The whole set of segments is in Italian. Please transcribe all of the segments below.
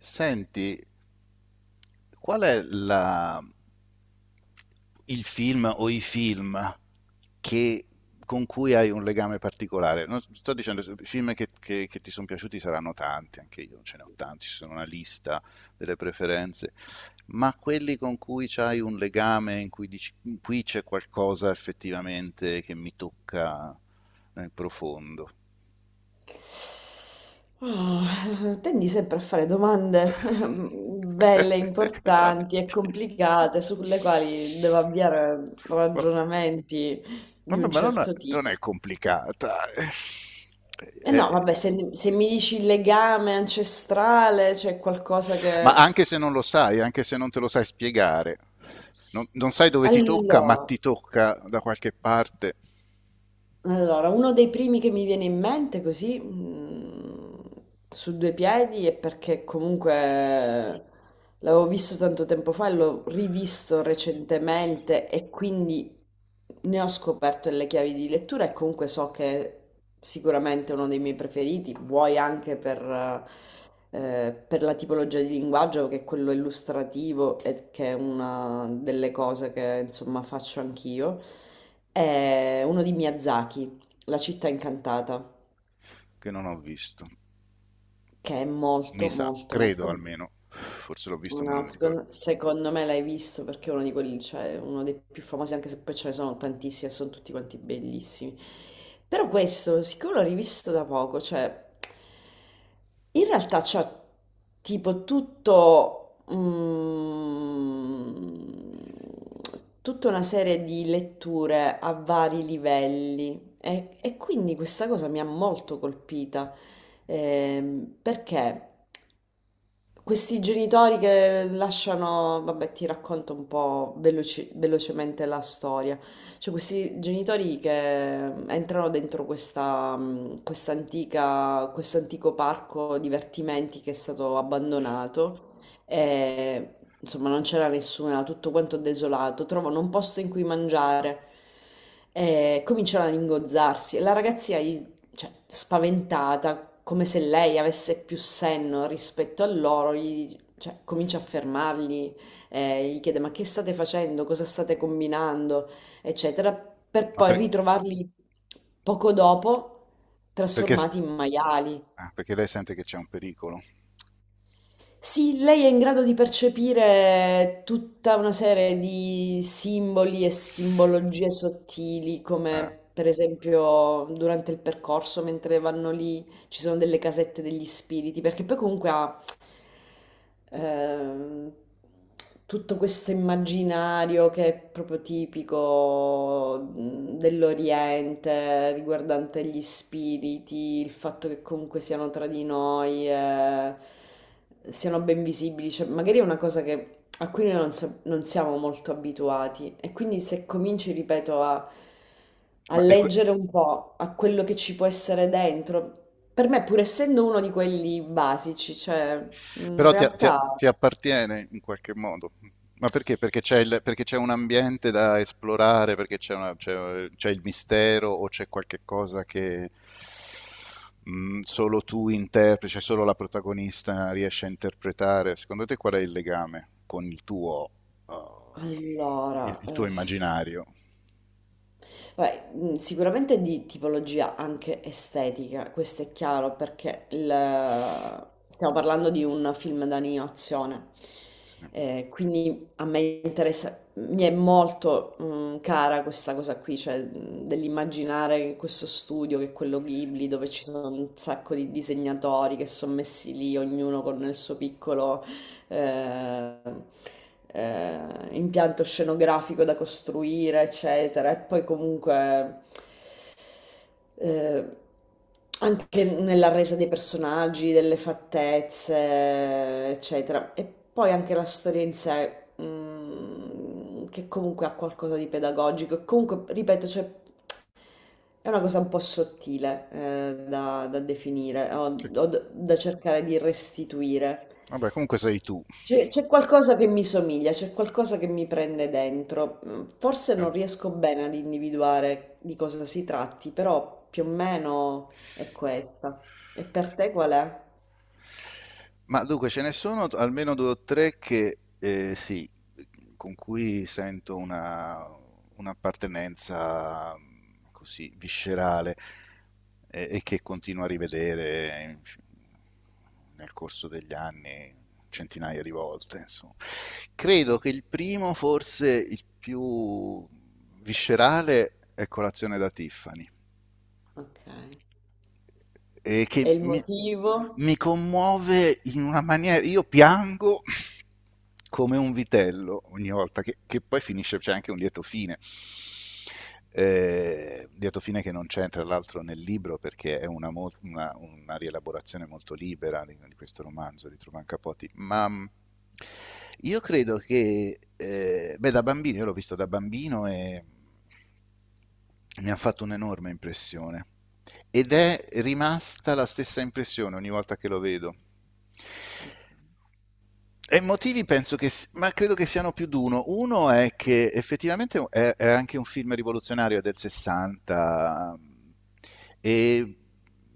Senti, qual è la- il film o i film che- con cui hai un legame particolare? Non sto dicendo, i film che ti sono piaciuti saranno tanti, anche io ce ne ho tanti, ci sono una lista delle preferenze, ma quelli con cui c'hai un legame, in cui dici, qui c'è qualcosa effettivamente che mi tocca nel profondo. Ah, tendi sempre a fare domande belle, importanti e complicate sulle quali devo avviare Ma- ragionamenti di Vabbè, un ma non è, certo non tipo. è complicata. E no, Eh, vabbè, se mi dici il legame ancestrale, c'è qualcosa ma che... anche se non lo sai, anche se non te lo sai spiegare, non sai dove ti tocca, ma ti Allora, tocca da qualche parte allora, uno dei primi che mi viene in mente così, su due piedi, è perché comunque l'avevo visto tanto tempo fa e l'ho rivisto recentemente e quindi ne ho scoperto le chiavi di lettura e comunque so che è sicuramente uno dei miei preferiti, vuoi anche per la tipologia di linguaggio che è quello illustrativo e che è una delle cose che insomma faccio anch'io. È uno di Miyazaki, La città incantata, che non ho visto. che è Mi molto sa, molto credo molto. almeno. Forse l'ho visto, ma non No, mi ricordo. secondo me l'hai visto perché è uno di quelli, cioè uno dei più famosi, anche se poi ce ne sono tantissimi e sono tutti quanti bellissimi. Però questo, siccome l'ho rivisto da poco, cioè in realtà c'è tipo tutto, tutta una serie di letture a vari livelli e quindi questa cosa mi ha molto colpita. Perché questi genitori che lasciano, vabbè, ti racconto un po' velocemente la storia. Cioè, questi genitori che entrano dentro questa, questa questo antico parco divertimenti che è stato abbandonato e insomma non c'era nessuna, tutto quanto desolato, trovano un posto in cui mangiare e cominciano ad ingozzarsi e la ragazzina gli, cioè, spaventata, come se lei avesse più senno rispetto a loro, gli, cioè, comincia a fermarli, gli chiede ma che state facendo, cosa state combinando, eccetera, per Ma poi per- ritrovarli poco dopo perché, trasformati in maiali. ah, perché lei sente che c'è un pericolo. Sì, lei è in grado di percepire tutta una serie di simboli e simbologie sottili, Eh, come per esempio durante il percorso, mentre vanno lì, ci sono delle casette degli spiriti, perché poi comunque ha ehm, tutto questo immaginario che è proprio tipico dell'Oriente riguardante gli spiriti, il fatto che comunque siano tra di noi, siano ben visibili, cioè magari è una cosa a cui noi non, non siamo molto abituati e quindi se cominci, ripeto, a, a Ma e que- leggere un po' a quello che ci può essere dentro, per me pur essendo uno di quelli basici, cioè in Però realtà... ti appartiene in qualche modo. Ma perché? Perché perché c'è un ambiente da esplorare, perché c'è il mistero o c'è qualche cosa che solo tu interpreti, cioè solo la protagonista riesce a interpretare. Secondo te qual è il legame con il tuo, uh, Allora, il tuo immaginario? beh, sicuramente di tipologia anche estetica, questo è chiaro perché il stiamo parlando di un film d'animazione, quindi a me interessa mi è molto, cara questa cosa qui, cioè, dell'immaginare questo studio che è quello Ghibli, dove ci sono un sacco di disegnatori che son messi lì, ognuno con il suo piccolo, eh, impianto scenografico da costruire, eccetera. E poi comunque, eh, anche nella resa dei personaggi, delle fattezze, eccetera. E poi anche la storia in sé, mm, che comunque ha qualcosa di pedagogico. E comunque, ripeto, cioè, è una cosa un po' sottile, da, da definire Sì. o da cercare di restituire. Vabbè, comunque sei tu. C'è qualcosa che mi somiglia, c'è qualcosa che mi prende dentro. Mm, forse Eh. non riesco bene ad individuare di cosa si tratti, però più o meno è questa. E per te qual è? Ma dunque ce ne sono almeno due o tre che sì, con cui sento una, un'appartenenza così viscerale e che continuo a rivedere nel corso degli anni centinaia di volte, insomma. Credo Ok. che il primo, forse il più viscerale, è Colazione da Tiffany Ok. eh, E che il mi, motivo? mi commuove in una maniera. Io piango come un vitello ogni volta, che poi finisce, c'è anche un lieto fine. Lieto fine che non c'è tra l'altro nel libro perché è una, una rielaborazione molto libera di questo romanzo di Truman Capote, ma io credo che, beh, da bambino, io l'ho visto da bambino e mi ha fatto un'enorme impressione. Ed è rimasta la stessa impressione ogni volta che lo vedo. E i motivi penso che, ma credo che siano più di uno. Uno è che effettivamente è anche un film rivoluzionario è del 60 e,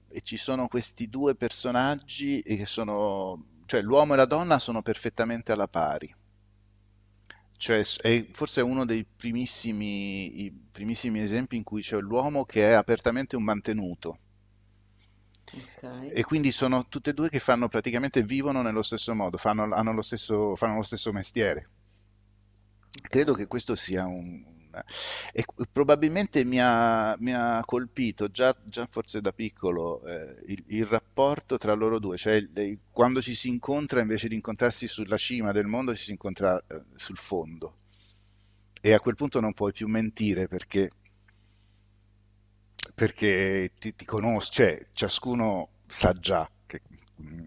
e ci sono questi due personaggi che sono, cioè l'uomo e la donna sono perfettamente alla pari. Cioè, è forse uno dei primissimi, i primissimi esempi in cui c'è l'uomo che è apertamente un mantenuto Ok, e quindi sono tutte e due che fanno praticamente vivono nello stesso modo, fanno, hanno lo stesso, fanno lo stesso mestiere. ok, Credo che questo sia un. E probabilmente mi ha colpito già, forse da piccolo rapporto tra loro due, cioè il, quando ci si incontra invece di incontrarsi sulla cima del mondo ci si incontra sul fondo e a quel punto non puoi più mentire perché ti conosco, cioè ciascuno sa già che, mm,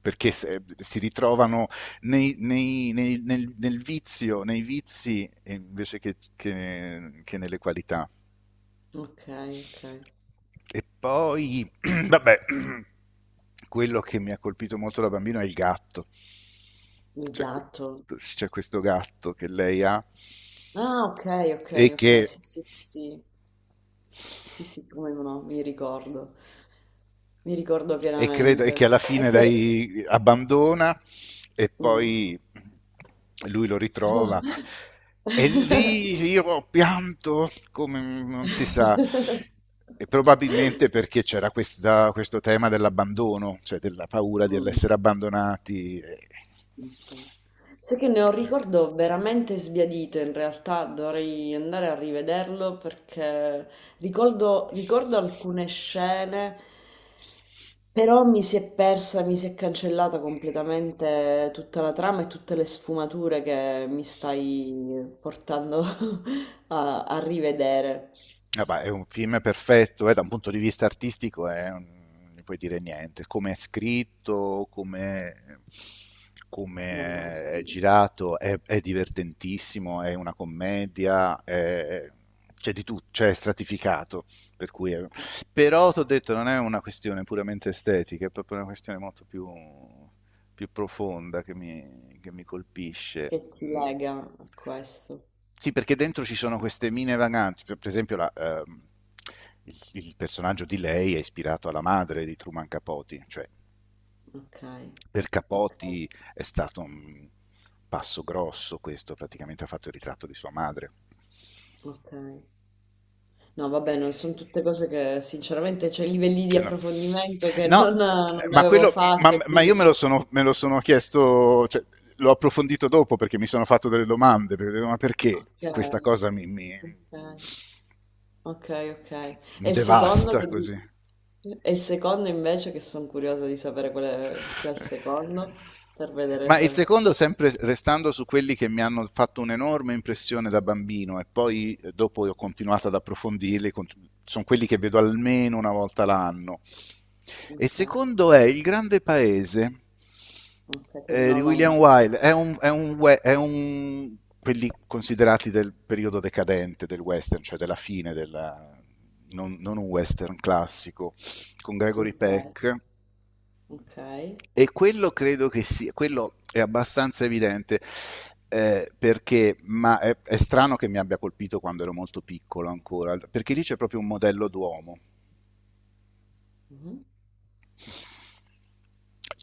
perché si ritrovano nel vizio, nei vizi invece che nelle qualità. ok, ok. E poi, vabbè, quello che mi ha colpito molto da bambino è il gatto. Il C'è que- gatto. c'è questo gatto che lei ha Ah, ok, ok, e che. ok, sì, sì, sì, sì. Sì, sì, come no, mi ricordo E, credo, e che pienamente. alla È fine che, lei abbandona e mm. poi lui lo ritrova. Mm, E lì io ho pianto come non si sa, e probabilmente perché c'era questo tema dell'abbandono, cioè della paura di ok. essere abbandonati. Sai che ne ho un ricordo veramente sbiadito, in realtà dovrei andare a rivederlo perché ricordo, ricordo alcune scene, però mi si è persa, mi si è cancellata completamente tutta la trama e tutte le sfumature che mi stai portando a, a rivedere. Eh beh, è un film perfetto, da un punto di vista artistico è non ne puoi dire niente. Come è scritto, come Vabbè, è sì. girato, è divertentissimo, è una commedia, c'è di tutto, cioè è stratificato. Per cui è- Però ti ho detto, non è una questione puramente estetica, è proprio una questione molto più profonda che che mi colpisce. Che ti Mm. lega a questo. Sì, perché dentro ci sono queste mine vaganti, per esempio la, il personaggio di lei è ispirato alla madre di Truman Capote, cioè Okay, per okay, Capote è stato un passo grosso questo, praticamente ha fatto il ritratto di sua madre. okay. No vabbè, non son tutte cose che sinceramente c'è livelli di No, approfondimento che non no, non ma, avevo fatto e ma io quindi me lo sono chiesto, cioè, l'ho approfondito dopo perché mi sono fatto delle domande, perché, ma perché okay, questa cosa okay, okay, okay. mi E il secondo devasta che di così? e il secondo invece, che son curiosa di sapere quale sia il secondo, per vedere Ma il se secondo, sempre restando su quelli che mi hanno fatto un'enorme impressione da bambino e poi dopo ho continuato ad approfondirli, sono quelli che vedo almeno una volta l'anno. E il okay, secondo è Il grande paese okay, che di non ho William mai Wilde, è un we- è un- quelli considerati del periodo decadente del western, cioè della fine, della, non un western classico, con Gregory okay, Peck okay. e quello credo che sia, quello è abbastanza evidente, ma è strano che mi abbia colpito quando ero molto piccolo ancora, perché lì c'è proprio un modello d'uomo, Mh-mh.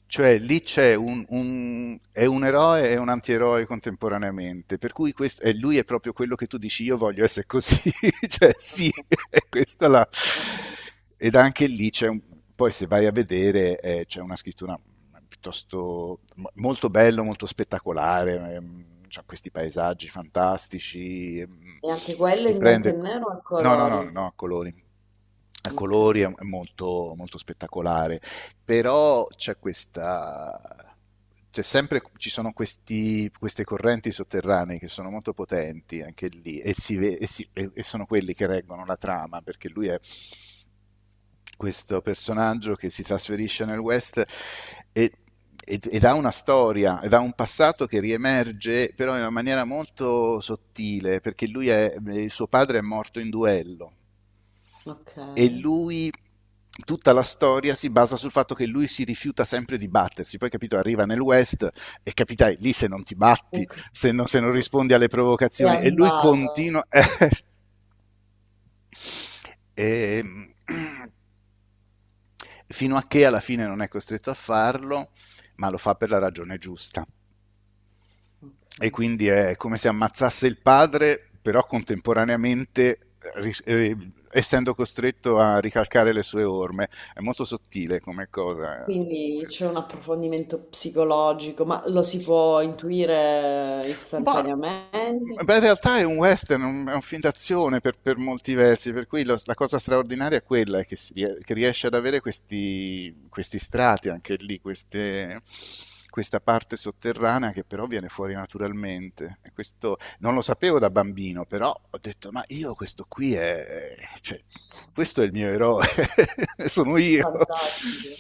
cioè lì c'è un è un eroe e un antieroe contemporaneamente, per cui lui è proprio quello che tu dici io voglio essere così, cioè sì, Okay, è questa la. okay. Ed anche lì c'è un. Poi se vai a vedere c'è una scrittura piuttosto. Molto bello, molto spettacolare, c'ha questi paesaggi fantastici, E anche quello ti in bianco e prende. nero o a No, no, no, colori? no, a colori. A Ok, colori è molto, molto spettacolare però c'è questa. C'è sempre, ci sono queste correnti sotterranee che sono molto potenti anche lì e sono quelli che reggono la trama perché lui è questo personaggio che si trasferisce nel West e ed ha una storia, ed ha un passato che riemerge però in una maniera molto sottile, perché il suo padre è morto in duello e ok. lui tutta la storia si basa sul fatto che lui si rifiuta sempre di battersi. Poi, capito, arriva nel West e capitai lì se non ti E batti, qui se non rispondi alle è provocazioni. E lui andato. continua. E- fino a che alla fine non è costretto a farlo, ma lo fa per la ragione giusta Ok. e quindi è come se ammazzasse il padre, però contemporaneamente essendo costretto a ricalcare le sue orme. È molto sottile come cosa. Quindi c'è un approfondimento psicologico, ma lo si può intuire Ma istantaneamente? beh, in realtà è un western, è un film d'azione per molti versi, per cui la cosa straordinaria è quella, è che, che riesce ad avere questi strati anche lì, questa parte sotterranea che però viene fuori naturalmente. E questo non lo sapevo da bambino, però ho detto, ma io questo qui è. Cioè, questo è il mio eroe, sono io. Fantastico.